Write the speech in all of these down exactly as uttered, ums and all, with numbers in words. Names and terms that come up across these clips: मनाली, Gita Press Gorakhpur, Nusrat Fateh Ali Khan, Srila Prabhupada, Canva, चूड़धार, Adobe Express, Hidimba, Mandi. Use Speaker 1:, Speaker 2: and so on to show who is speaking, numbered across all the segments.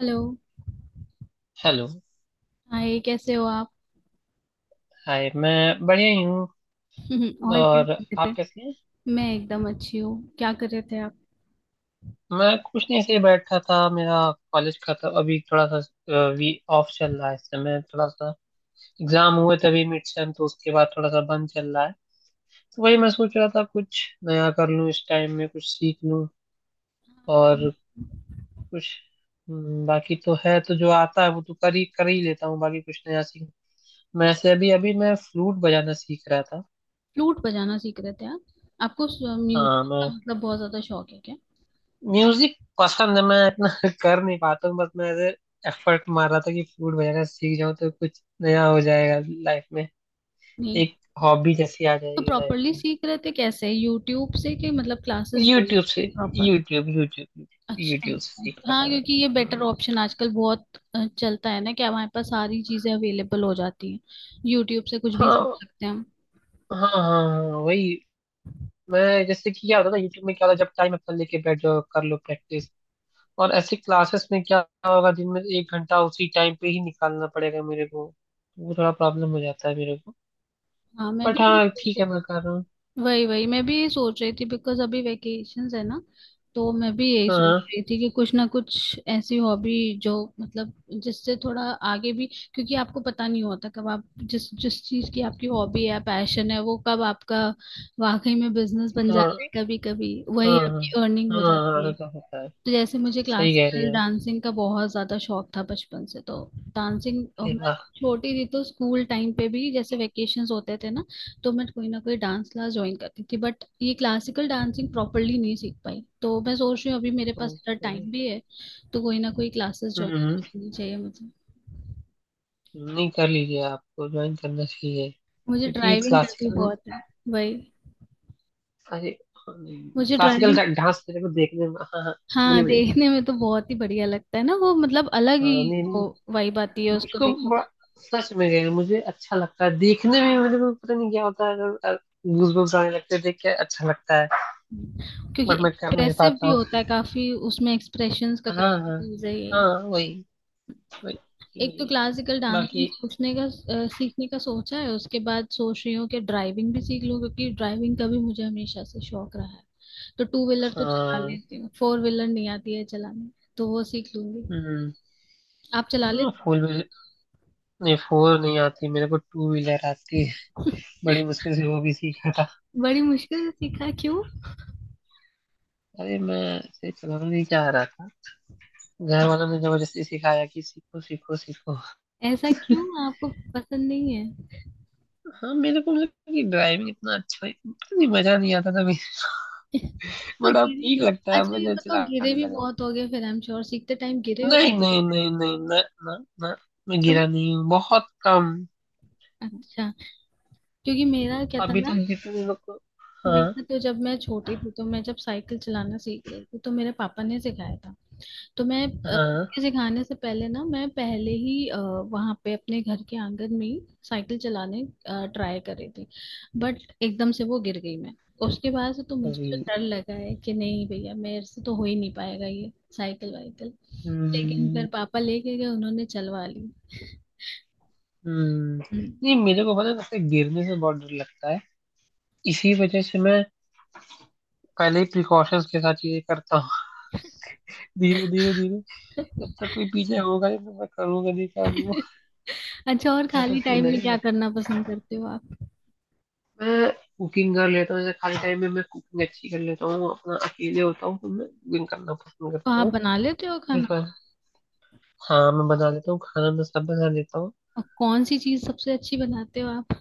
Speaker 1: Hello.
Speaker 2: Hello.
Speaker 1: Hi, कैसे हो आप?
Speaker 2: हाय, मैं बढ़िया ही हूँ।
Speaker 1: और क्या
Speaker 2: और
Speaker 1: कर रहे
Speaker 2: आप
Speaker 1: थे?
Speaker 2: कैसे हैं?
Speaker 1: मैं एकदम अच्छी हूँ। क्या कर रहे थे आप?
Speaker 2: मैं कुछ नहीं, ऐसे ही बैठा था। मेरा कॉलेज का तो अभी थोड़ा सा अ, वी ऑफ चल रहा है इस समय। थोड़ा सा एग्जाम हुए तभी, मिड सेम, तो उसके बाद थोड़ा सा बंद चल रहा है। तो वही मैं सोच रहा था कुछ नया कर लूँ इस टाइम में, कुछ सीख लूँ। और कुछ हम्म, बाकी तो है तो जो आता है वो तो कर ही कर ही लेता हूँ, बाकी कुछ नया सीख। मैं ऐसे अभी अभी मैं फ्लूट बजाना सीख रहा था।
Speaker 1: फ्लूट बजाना सीख रहे थे आप? आपको म्यूजिक
Speaker 2: हाँ, मैं
Speaker 1: का मतलब बहुत ज्यादा शौक है क्या?
Speaker 2: म्यूजिक पसंद है, मैं इतना कर नहीं पाता हूँ। बस मैं ऐसे एफर्ट मार रहा था कि फ्लूट बजाना सीख जाऊँ तो कुछ नया हो जाएगा लाइफ में,
Speaker 1: नहीं,
Speaker 2: एक हॉबी जैसी आ
Speaker 1: तो
Speaker 2: जाएगी लाइफ
Speaker 1: प्रॉपरली
Speaker 2: में।
Speaker 1: सीख रहे थे कैसे, यूट्यूब से कि मतलब क्लासेस ज्वाइन
Speaker 2: यूट्यूब से।
Speaker 1: करते प्रॉपर?
Speaker 2: YouTube YouTube.
Speaker 1: अच्छा।
Speaker 2: यूट्यूब से सीखा
Speaker 1: हाँ,
Speaker 2: था
Speaker 1: क्योंकि ये
Speaker 2: मैं।
Speaker 1: बेटर ऑप्शन आजकल बहुत अ, चलता है ना कि हमारे पास सारी चीजें अवेलेबल हो जाती हैं। यूट्यूब से कुछ भी सीख
Speaker 2: हाँ
Speaker 1: सकते हैं हम।
Speaker 2: हाँ हाँ हाँ, हाँ, वही। मैं जैसे, कि क्या होता था यूट्यूब में, क्या होता जब टाइम अपना लेके बैठ जाओ कर लो प्रैक्टिस। और ऐसे क्लासेस में क्या होगा, जिनमें एक घंटा उसी टाइम पे ही निकालना पड़ेगा मेरे को, वो थोड़ा प्रॉब्लम हो जाता है मेरे को।
Speaker 1: हाँ, मैं
Speaker 2: बट
Speaker 1: भी।
Speaker 2: हाँ, ठीक है, मैं कर रहा हूँ।
Speaker 1: वही वही मैं भी यही सोच रही थी बिकॉज अभी वेकेशंस है ना। तो मैं भी यही सोच
Speaker 2: हाँ
Speaker 1: रही थी कि कुछ ना कुछ ऐसी हॉबी जो, मतलब, जिससे थोड़ा आगे भी, क्योंकि आपको पता नहीं होता कब आप जिस जिस चीज की आपकी हॉबी है, पैशन है, वो कब आपका वाकई में बिजनेस बन जाता
Speaker 2: हाँ
Speaker 1: है, कभी कभी वही
Speaker 2: हाँ
Speaker 1: आपकी अर्निंग हो
Speaker 2: हाँ।
Speaker 1: जाती
Speaker 2: हाँ,
Speaker 1: है।
Speaker 2: ऐसा होता है।
Speaker 1: तो जैसे मुझे
Speaker 2: सही कह रही
Speaker 1: क्लासिकल
Speaker 2: है।
Speaker 1: डांसिंग का बहुत ज्यादा शौक था बचपन से। तो डांसिंग, और
Speaker 2: अरे
Speaker 1: मैं
Speaker 2: वाह।
Speaker 1: छोटी थी तो स्कूल टाइम पे भी जैसे वेकेशंस होते थे ना, तो मैं कोई ना कोई डांस क्लास ज्वाइन करती थी, बट ये क्लासिकल डांसिंग प्रॉपरली नहीं सीख पाई, तो मैं सोच रही हूँ अभी मेरे पास इतना
Speaker 2: ओके।
Speaker 1: टाइम भी है, तो कोई ना कोई क्लासेस ज्वाइन
Speaker 2: हम्म।
Speaker 1: करनी चाहिए मुझे।
Speaker 2: नहीं, कर लीजिए, आपको ज्वाइन करना चाहिए
Speaker 1: मुझे
Speaker 2: क्योंकि
Speaker 1: ड्राइविंग का भी
Speaker 2: क्लासिकल।
Speaker 1: बहुत है। वही।
Speaker 2: अरे हाँ, नहीं,
Speaker 1: मुझे
Speaker 2: क्लासिकल
Speaker 1: ड्राइविंग।
Speaker 2: डांस मेरे को देखने में, हाँ हाँ।
Speaker 1: हाँ,
Speaker 2: बोलिए बोलिए।
Speaker 1: देखने में तो बहुत ही बढ़िया लगता है ना वो, मतलब अलग ही
Speaker 2: हाँ नहीं
Speaker 1: वो
Speaker 2: नहीं।
Speaker 1: वाइब आती है उसको
Speaker 2: मुझको
Speaker 1: देखो तो।
Speaker 2: बड़ा सच में गए, मुझे अच्छा लगता है देखने में, मुझे को पता नहीं क्या होता है, अगर गूजबम्स आने लगते हैं देख के, अच्छा लगता है।
Speaker 1: क्योंकि
Speaker 2: बट मैं कर नहीं
Speaker 1: एक्सप्रेसिव
Speaker 2: पाता
Speaker 1: भी
Speaker 2: हूँ।
Speaker 1: होता है काफी, उसमें एक्सप्रेशंस का
Speaker 2: हाँ हाँ।
Speaker 1: काफी यूज है। ये
Speaker 2: हाँ, वही वही
Speaker 1: एक तो
Speaker 2: वही।
Speaker 1: क्लासिकल डांसिंग
Speaker 2: बाकी।
Speaker 1: पूछने का अ, सीखने का सोचा है, उसके बाद सोच रही हूँ कि ड्राइविंग भी सीख लूँ, क्योंकि ड्राइविंग का भी मुझे हमेशा से शौक रहा है। तो टू व्हीलर तो चला
Speaker 2: हाँ।
Speaker 1: लेती हूँ, फोर व्हीलर नहीं आती है चलाने, तो वो सीख लूंगी।
Speaker 2: हम्म।
Speaker 1: आप चला
Speaker 2: हाँ,
Speaker 1: लेते
Speaker 2: फोर व्हीलर नहीं, फोर नहीं आती मेरे को, टू व्हीलर आती है। बड़ी मुश्किल से वो भी सीखा था।
Speaker 1: हो? बड़ी मुश्किल से सीखा क्यों?
Speaker 2: अरे मैं ऐसे चलाना नहीं चाह रहा था, घर वालों ने जबरदस्ती सिखाया कि सीखो सीखो सीखो।
Speaker 1: ऐसा क्यों, आपको पसंद नहीं है?
Speaker 2: हाँ, मेरे को मतलब कि ड्राइविंग इतना अच्छा पता नहीं, मजा नहीं आता था।
Speaker 1: तो
Speaker 2: बट अब
Speaker 1: गिरे?
Speaker 2: ठीक लगता है,
Speaker 1: अच्छा,
Speaker 2: मैं
Speaker 1: ये
Speaker 2: जब
Speaker 1: बताओ, गिरे
Speaker 2: चलाने
Speaker 1: भी
Speaker 2: लगा हूँ।
Speaker 1: बहुत हो गए फिर? आई एम श्योर सीखते टाइम गिरे हो।
Speaker 2: नहीं नहीं नहीं नहीं, ना ना ना। मैं गिरा नहीं हूँ, बहुत कम।
Speaker 1: अच्छा, क्योंकि मेरा क्या था
Speaker 2: अभी
Speaker 1: ना,
Speaker 2: तक जितने लोग को। हाँ
Speaker 1: मेरा तो जब मैं छोटी थी तो मैं जब साइकिल चलाना सीख रही थी तो मेरे पापा ने सिखाया था। तो मैं अ,
Speaker 2: हाँ।
Speaker 1: उनके सिखाने से पहले ना मैं पहले ही वहां पे अपने घर के आंगन में ही साइकिल चलाने ट्राई कर रही थी, बट एकदम से वो गिर गई मैं। उसके बाद से तो मुझे तो
Speaker 2: कभी।
Speaker 1: डर लगा है कि नहीं भैया, मेरे से तो हो ही नहीं पाएगा ये साइकिल वाइकिल। लेकिन
Speaker 2: हम्म,
Speaker 1: फिर पापा लेके गए, उन्होंने चलवा ली।
Speaker 2: हम्म
Speaker 1: हम्म।
Speaker 2: नहीं, मेरे को पता है सबसे गिरने से बहुत डर लगता है। इसी वजह से मैं पहले ही प्रिकॉशंस के साथ चीजें करता हूँ। धीरे धीरे धीरे, जब तक कोई पीछे होगा ही तो मैं करूंगा नहीं काम वो।
Speaker 1: अच्छा, और
Speaker 2: ऐसा
Speaker 1: खाली
Speaker 2: सीन
Speaker 1: टाइम में क्या
Speaker 2: है,
Speaker 1: करना पसंद करते हो?
Speaker 2: मैं कुकिंग कर लेता हूँ। जैसे खाली टाइम में मैं कुकिंग अच्छी कर लेता हूँ, अपना अकेले होता हूँ तो मैं कुकिंग करना पसंद
Speaker 1: तो
Speaker 2: करता
Speaker 1: आप
Speaker 2: हूँ।
Speaker 1: बना लेते हो खाना?
Speaker 2: प्रिफर। हाँ, मैं बना लेता हूँ खाना, मैं सब बना लेता हूँ।
Speaker 1: और कौन सी चीज सबसे अच्छी बनाते हो आप?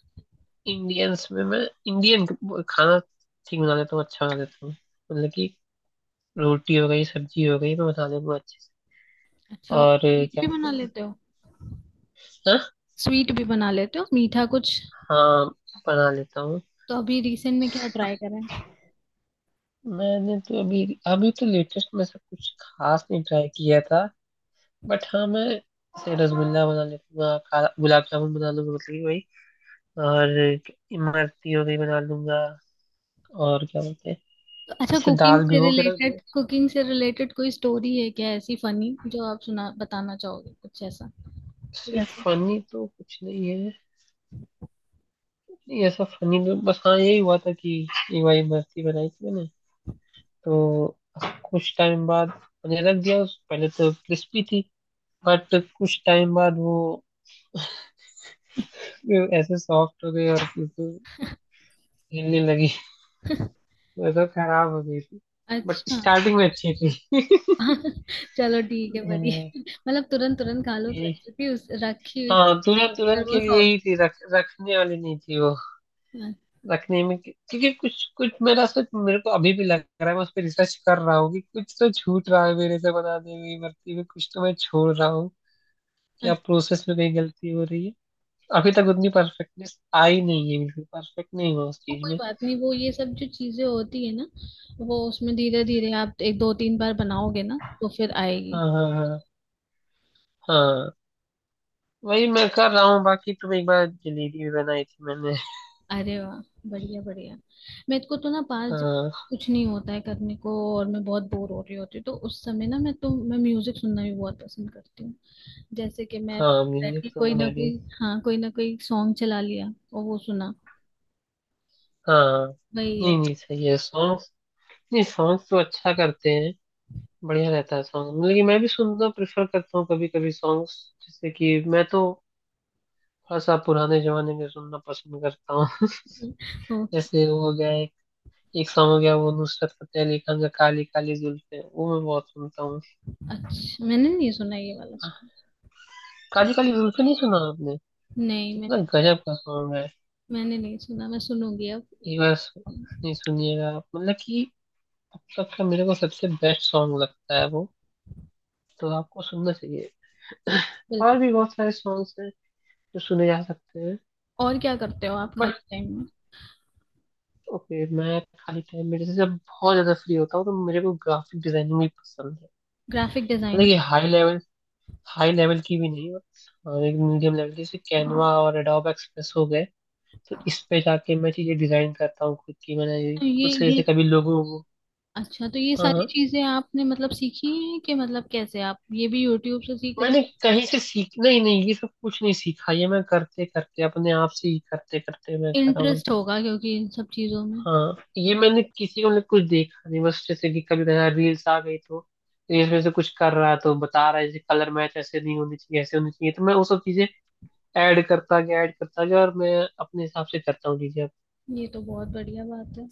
Speaker 2: इंडियंस में मैं, इंडियन खाना ठीक बना लेता हूँ, अच्छा बना लेता हूँ। मतलब कि रोटी हो गई, सब्जी हो गई, मैं बता दूंगा अच्छे से।
Speaker 1: अच्छा,
Speaker 2: और
Speaker 1: स्वीट
Speaker 2: क्या
Speaker 1: भी बना
Speaker 2: बोलते
Speaker 1: लेते हो?
Speaker 2: हैं?
Speaker 1: स्वीट भी बना लेते हो, मीठा कुछ?
Speaker 2: हाँ हाँ, बना लेता हूँ।
Speaker 1: तो अभी रिसेंट में क्या ट्राई करा है?
Speaker 2: मैंने तो अभी अभी तो लेटेस्ट में सब कुछ खास नहीं ट्राई किया था। बट हाँ, मैं जैसे रसगुल्ला बना लेता, काला गुलाब जामुन बना लूंगा, मतलब कि वही। और इमरती हो गई बना लूंगा। और क्या बोलते हैं?
Speaker 1: तो अच्छा,
Speaker 2: जैसे
Speaker 1: कुकिंग
Speaker 2: दाल
Speaker 1: से
Speaker 2: भिगो के रख दो।
Speaker 1: रिलेटेड कुकिंग से रिलेटेड कोई स्टोरी है क्या ऐसी फनी जो आप सुना बताना चाहोगे? कुछ ऐसा कुछ
Speaker 2: सिर्फ
Speaker 1: ऐसा
Speaker 2: फनी तो कुछ नहीं है। नहीं, ऐसा फनी तो बस हाँ यही हुआ था कि एक बार इमरती बनाई थी मैंने। तो कुछ टाइम बाद मैंने रख दिया उस-, पहले तो क्रिस्पी थी। बट कुछ टाइम बाद वो ऐसे सॉफ्ट हो गई और फिर तो हिलने लगी। वो तो खराब हो गई थी। बट
Speaker 1: अच्छा।
Speaker 2: स्टार्टिंग में अच्छी थी।
Speaker 1: चलो ठीक है, बड़ी
Speaker 2: हम्म,
Speaker 1: मतलब तुरंत तुरंत खा लो तो
Speaker 2: ये-,
Speaker 1: अच्छी थी, उस रखी हुई
Speaker 2: हाँ, दुल्हन
Speaker 1: फिर
Speaker 2: दुल्हन
Speaker 1: वो
Speaker 2: के लिए
Speaker 1: सॉगी।
Speaker 2: ही थी, रख, रखने वाली नहीं थी वो। रखने में क्योंकि कुछ कुछ मेरा सच मेरे को अभी भी लग रहा है मैं उस पर रिसर्च कर रहा हूँ कि कुछ तो छूट रहा है मेरे से बनाने में, भर्ती में कुछ तो मैं छोड़ रहा हूँ, क्या प्रोसेस में कहीं गलती हो रही है। अभी तक उतनी परफेक्टनेस आई नहीं है, बिल्कुल परफेक्ट नहीं हुआ उस
Speaker 1: वो
Speaker 2: चीज
Speaker 1: कोई
Speaker 2: में।
Speaker 1: बात नहीं, वो ये सब जो चीजें होती है ना, वो उसमें धीरे धीरे आप एक दो तीन बार बनाओगे ना तो फिर आएगी।
Speaker 2: हाँ हाँ हाँ, हाँ वही मैं कर रहा हूँ। बाकी तुम, एक बार जलेबी भी बनाई थी मैंने।
Speaker 1: अरे वाह, बढ़िया बढ़िया। मेरे को तो ना पास
Speaker 2: हाँ,
Speaker 1: कुछ नहीं होता है करने को, और मैं बहुत बोर हो रही होती हूँ तो उस समय ना मैं तो मैं म्यूजिक सुनना भी बहुत पसंद करती हूँ। जैसे कि मैं
Speaker 2: हाँ
Speaker 1: बैठ
Speaker 2: म्यूजिक
Speaker 1: के
Speaker 2: तो
Speaker 1: कोई ना
Speaker 2: मैं भी।
Speaker 1: कोई, हाँ, कोई ना कोई सॉन्ग चला लिया और वो सुना,
Speaker 2: हाँ,
Speaker 1: वही है।
Speaker 2: नहीं नहीं, सही है सॉन्ग्स, नहीं सॉन्ग्स तो अच्छा करते हैं, बढ़िया रहता है सॉन्ग। मतलब कि मैं भी सुनना प्रेफर करता हूँ कभी कभी सॉन्ग्स। जैसे कि मैं तो थोड़ा सा पुराने जमाने में सुनना पसंद करता हूँ।
Speaker 1: ओके।
Speaker 2: जैसे वो हो गया एक, एक सॉन्ग हो गया वो नुसरत फतेह अली खान का, काली काली जुल्फें, वो मैं बहुत सुनता हूँ।
Speaker 1: अच्छा, मैंने नहीं सुना ये वाला सॉन्ग।
Speaker 2: काली काली जुल्फें नहीं सुना आपने?
Speaker 1: नहीं
Speaker 2: कितना
Speaker 1: मैंने,
Speaker 2: गजब का सॉन्ग है।
Speaker 1: मैंने नहीं सुना, मैं सुनूंगी अब।
Speaker 2: एक बार सु-, नहीं सुनिएगा आप, मतलब कि अब तक का मेरे को सबसे बेस्ट सॉन्ग लगता है वो, तो आपको सुनना चाहिए।
Speaker 1: बिल्कुल।
Speaker 2: और भी बहुत सारे सॉन्ग्स हैं जो सुने जा सकते हैं।
Speaker 1: और क्या करते हो आप खाली
Speaker 2: बट
Speaker 1: टाइम में?
Speaker 2: ओके, मैं खाली टाइम में जैसे जब बहुत ज्यादा फ्री होता हूँ तो मेरे को ग्राफिक डिजाइनिंग भी पसंद है।
Speaker 1: ग्राफिक
Speaker 2: मतलब
Speaker 1: डिजाइनिंग?
Speaker 2: ये हाई लेवल, हाई लेवल की भी नहीं और एक मीडियम लेवल की, जैसे कैनवा और एडोब एक्सप्रेस हो गए, तो इस पे जाके मैं चीजें डिजाइन करता हूँ खुद की। मैंने ये
Speaker 1: ये
Speaker 2: खुद से, जैसे
Speaker 1: ये
Speaker 2: कभी लोगों को,
Speaker 1: अच्छा, तो ये सारी
Speaker 2: हाँ
Speaker 1: चीजें आपने, मतलब, सीखी हैं, कि मतलब कैसे आप ये भी यूट्यूब से सीख रहे
Speaker 2: मैंने
Speaker 1: हो?
Speaker 2: कहीं से सीखना ही नहीं, ये सब कुछ नहीं सीखा, ये मैं करते करते अपने आप से ही करते करते मैं करा हूँ।
Speaker 1: इंटरेस्ट होगा क्योंकि इन सब चीजों में।
Speaker 2: हाँ, ये मैंने किसी को ने कुछ देखा नहीं, बस जैसे कि कभी कभी रील्स आ गई तो रील्स में से कुछ कर रहा है तो बता रहा है, जैसे कलर मैच ऐसे नहीं होनी चाहिए, ऐसे होनी चाहिए, तो मैं वो सब चीजें ऐड करता गया ऐड करता गया और मैं अपने हिसाब से करता हूँ चीजें अब।
Speaker 1: ये तो बहुत बढ़िया बात है।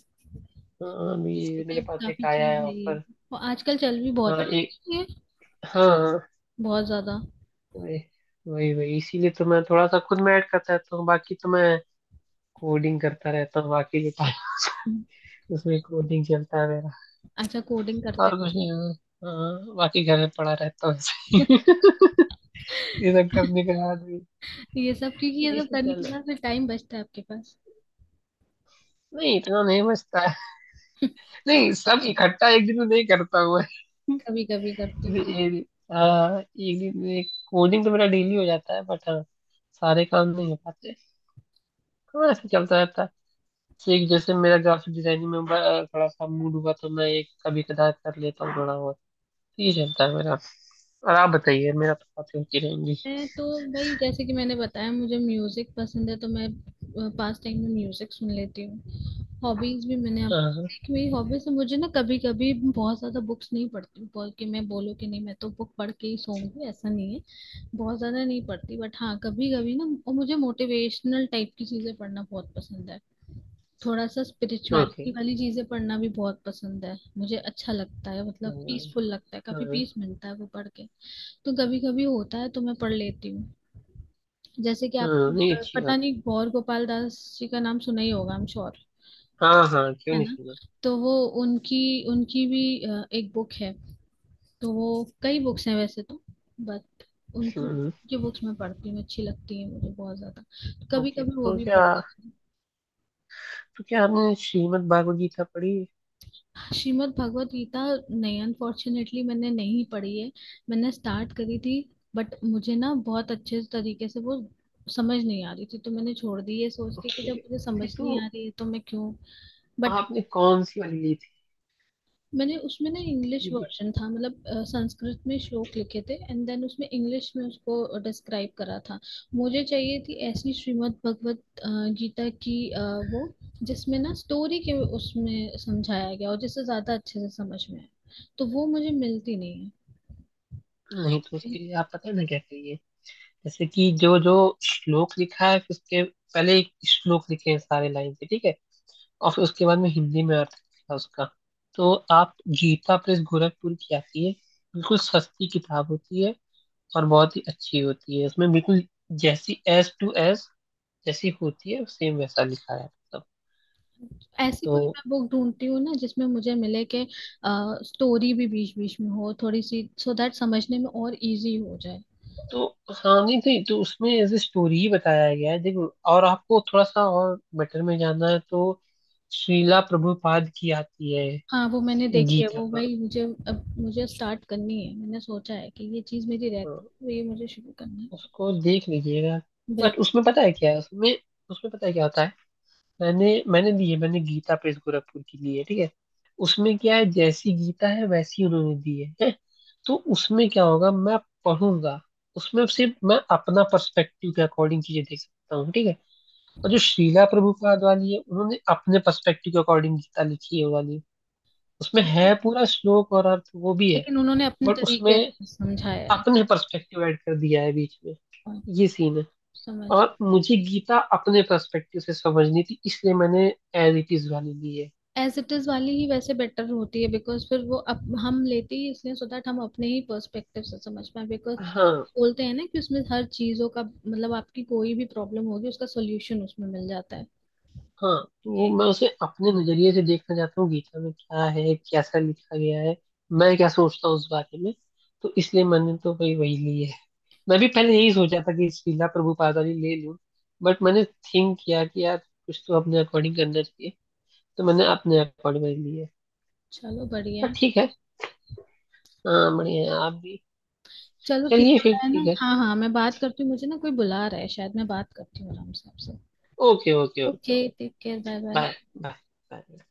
Speaker 2: हाँ,
Speaker 1: ये
Speaker 2: अभी मेरे
Speaker 1: तो
Speaker 2: पास
Speaker 1: काफी
Speaker 2: एक आया है
Speaker 1: चीज है ये,
Speaker 2: ऑफर।
Speaker 1: और आजकल चल भी
Speaker 2: हाँ
Speaker 1: बहुत
Speaker 2: एक।
Speaker 1: ये,
Speaker 2: हाँ हाँ,
Speaker 1: बहुत ज्यादा।
Speaker 2: वही। वही वही, इसीलिए तो मैं थोड़ा सा खुद में ऐड करता रहता हूँ। बाकी तो मैं कोडिंग करता रहता हूँ, बाकी जो टाइम, उसमें कोडिंग चलता है मेरा।
Speaker 1: अच्छा, कोडिंग करते
Speaker 2: और कुछ नहीं होता। हाँ, बाकी घर में पड़ा रहता हूँ ऐसे
Speaker 1: हो?
Speaker 2: ही। ये सब करने के बाद भी।
Speaker 1: ये सब, क्योंकि ये
Speaker 2: नहीं
Speaker 1: सब करने
Speaker 2: सोचा
Speaker 1: के
Speaker 2: लो,
Speaker 1: साथ फिर टाइम बचता है आपके पास?
Speaker 2: नहीं इतना नहीं बचता है, नहीं सब इकट्ठा एक दिन में नहीं करता हुआ।
Speaker 1: कभी कभी करते हो?
Speaker 2: हाँ, एक दिन में कोडिंग तो मेरा डेली हो जाता है, बट हाँ सारे काम नहीं हो पाते। हाँ, ऐसे चलता रहता है। एक जैसे मेरा ग्राफिक डिजाइनिंग में ब-, थोड़ा सा मूड हुआ तो मैं एक कभी कदार कर लेता हूँ थोड़ा बहुत, ये चलता है मेरा। और आप बताइए, मेरा तो बातें होती रहेंगी।
Speaker 1: मैं तो भाई, जैसे कि मैंने बताया, मुझे म्यूजिक पसंद है तो मैं पास टाइम में म्यूजिक सुन लेती हूँ। हॉबीज भी मैंने, आप
Speaker 2: हाँ हाँ।
Speaker 1: देखी, मेरी हॉबीज है, मुझे ना कभी कभी बहुत ज्यादा बुक्स नहीं पढ़ती हूँ, बोल के मैं बोलूँ कि नहीं मैं तो बुक पढ़ के ही सोऊंगी, ऐसा नहीं है। बहुत ज्यादा नहीं पढ़ती, बट हाँ कभी कभी ना, और मुझे मोटिवेशनल टाइप की चीजें पढ़ना बहुत पसंद है। थोड़ा सा
Speaker 2: ओके।
Speaker 1: स्पिरिचुअलिटी वाली चीजें पढ़ना भी बहुत पसंद है मुझे, अच्छा लगता है, मतलब
Speaker 2: हाँ
Speaker 1: पीसफुल लगता है, काफी पीस
Speaker 2: हाँ,
Speaker 1: मिलता है वो पढ़ के। तो कभी कभी होता है तो मैं पढ़ लेती हूँ। जैसे कि
Speaker 2: हाँ,
Speaker 1: आपने
Speaker 2: नहीं
Speaker 1: अ,
Speaker 2: अच्छी
Speaker 1: पता
Speaker 2: बात है,
Speaker 1: नहीं गौर गोपाल दास जी का नाम सुना ही होगा, आई एम श्योर,
Speaker 2: हाँ हाँ, क्यों
Speaker 1: है
Speaker 2: नहीं
Speaker 1: ना।
Speaker 2: सुना।
Speaker 1: तो वो, उनकी उनकी भी अ, एक बुक है, तो वो कई बुक्स हैं वैसे तो, बट उनकी
Speaker 2: हम्म,
Speaker 1: उनकी बुक्स मैं पढ़ती हूँ, अच्छी लगती है मुझे बहुत ज्यादा। कभी
Speaker 2: ओके।
Speaker 1: कभी वो
Speaker 2: तो
Speaker 1: भी
Speaker 2: क्या
Speaker 1: पढ़ लेती
Speaker 2: तो क्या आपने श्रीमद् भागवत गीता पढ़ी?
Speaker 1: हूँ। श्रीमद् भगवत गीता, नहीं अनफॉर्चुनेटली मैंने नहीं पढ़ी है, मैंने स्टार्ट करी थी, बट मुझे ना बहुत अच्छे तरीके से वो समझ नहीं आ रही थी, तो मैंने छोड़ दी ये सोच के कि जब
Speaker 2: ओके,
Speaker 1: मुझे समझ
Speaker 2: फिर तो
Speaker 1: नहीं आ रही है तो मैं क्यों। बट
Speaker 2: आपने कौन सी वाली ली थी?
Speaker 1: मैंने उसमें ना इंग्लिश
Speaker 2: ये-,
Speaker 1: वर्जन था, मतलब अ, संस्कृत में श्लोक लिखे थे एंड देन उसमें इंग्लिश में उसको डिस्क्राइब करा था। मुझे चाहिए थी ऐसी श्रीमद् भगवत अ, गीता की अ, वो, जिसमें ना स्टोरी के उसमें समझाया गया और जिससे ज्यादा अच्छे से समझ में आए, तो वो मुझे मिलती नहीं है।
Speaker 2: नहीं तो उसके
Speaker 1: एक-
Speaker 2: लिए आप पता है ना क्या करिए, जैसे कि जो जो श्लोक लिखा है, फिर उसके पहले एक श्लोक लिखे हैं सारे लाइन से, ठीक है, और फिर उसके बाद में हिंदी में अर्थ था उसका। तो आप, गीता प्रेस गोरखपुर की आती है, बिल्कुल सस्ती किताब होती है, और बहुत ही अच्छी होती है। उसमें बिल्कुल जैसी एस टू एस जैसी होती है, सेम वैसा लिखा है सब।
Speaker 1: ऐसी
Speaker 2: तो
Speaker 1: कोई मैं बुक ढूंढती हूँ ना जिसमें मुझे मिले कि स्टोरी भी बीच बीच में हो थोड़ी सी, सो दैट समझने में और इजी हो जाए।
Speaker 2: तो हाँ, नहीं नहीं, तो उसमें एज ए स्टोरी ही बताया गया है देखो। और आपको थोड़ा सा और बेटर में जाना है तो श्रीला प्रभुपाद की आती है
Speaker 1: हाँ वो मैंने देखी है,
Speaker 2: गीता
Speaker 1: वो
Speaker 2: पर।
Speaker 1: भाई मुझे अब मुझे स्टार्ट करनी है, मैंने सोचा है कि ये चीज मेरी
Speaker 2: हाँ,
Speaker 1: रहती है तो ये मुझे शुरू करना है।
Speaker 2: उसको देख लीजिएगा। बट उसमें पता है क्या है, उसमें उसमें पता है क्या होता है, मैंने मैंने दी है, मैंने गीता प्रेस गोरखपुर की ली है, ठीक है। उसमें क्या है, जैसी गीता है वैसी उन्होंने दी है, है? तो उसमें क्या होगा, मैं पढ़ूंगा, उसमें सिर्फ मैं अपना पर्सपेक्टिव के अकॉर्डिंग चीजें देख सकता हूँ, ठीक है। और जो श्रीला प्रभुपाद वाली है, उन्होंने अपने पर्सपेक्टिव के अकॉर्डिंग गीता लिखी है वो वाली, उसमें है
Speaker 1: बिल्कुल,
Speaker 2: पूरा श्लोक और अर्थ वो भी है,
Speaker 1: लेकिन उन्होंने अपने
Speaker 2: बट
Speaker 1: तरीके
Speaker 2: उसमें
Speaker 1: से समझाया है
Speaker 2: अपने पर्सपेक्टिव ऐड कर दिया है बीच में,
Speaker 1: और
Speaker 2: ये सीन है।
Speaker 1: समझ।
Speaker 2: और मुझे गीता अपने पर्सपेक्टिव से समझनी थी, इसलिए मैंने एज इट इज वाली ली है।
Speaker 1: एज इट इज वाली ही वैसे बेटर होती है बिकॉज फिर वो अप, हम लेते ही इसलिए, सो दैट हम अपने ही पर्सपेक्टिव से समझ पाए, बिकॉज
Speaker 2: हाँ
Speaker 1: बोलते हैं ना कि उसमें हर चीजों का मतलब, आपकी कोई भी प्रॉब्लम होगी उसका सोल्यूशन उसमें मिल जाता है
Speaker 2: हाँ, तो
Speaker 1: ये।
Speaker 2: मैं उसे अपने नजरिए से देखना चाहता हूँ, गीता में क्या है, कैसा लिखा गया है, मैं क्या सोचता हूँ उस बारे में, तो इसलिए मैंने तो भाई वही ली है। मैं भी पहले यही सोचा था कि श्रीला प्रभुपादानी ले लूँ, बट मैंने थिंक किया कि यार कुछ तो अपने अकॉर्डिंग करना चाहिए, तो मैंने अपने अकॉर्डिंग वाली ली है।
Speaker 1: चलो बढ़िया
Speaker 2: पर
Speaker 1: है।
Speaker 2: ठीक है। हाँ बढ़िया है आप भी।
Speaker 1: चलो ठीक
Speaker 2: चलिए
Speaker 1: है,
Speaker 2: फिर
Speaker 1: मैं ना,
Speaker 2: ठीक है।
Speaker 1: हाँ हाँ, मैं बात करती हूँ, मुझे ना कोई बुला रहा है शायद, मैं बात करती हूँ आराम से आपसे।
Speaker 2: Okay okay okay
Speaker 1: okay,
Speaker 2: okay,
Speaker 1: take care, bye bye.
Speaker 2: Bye. Bye. Bye.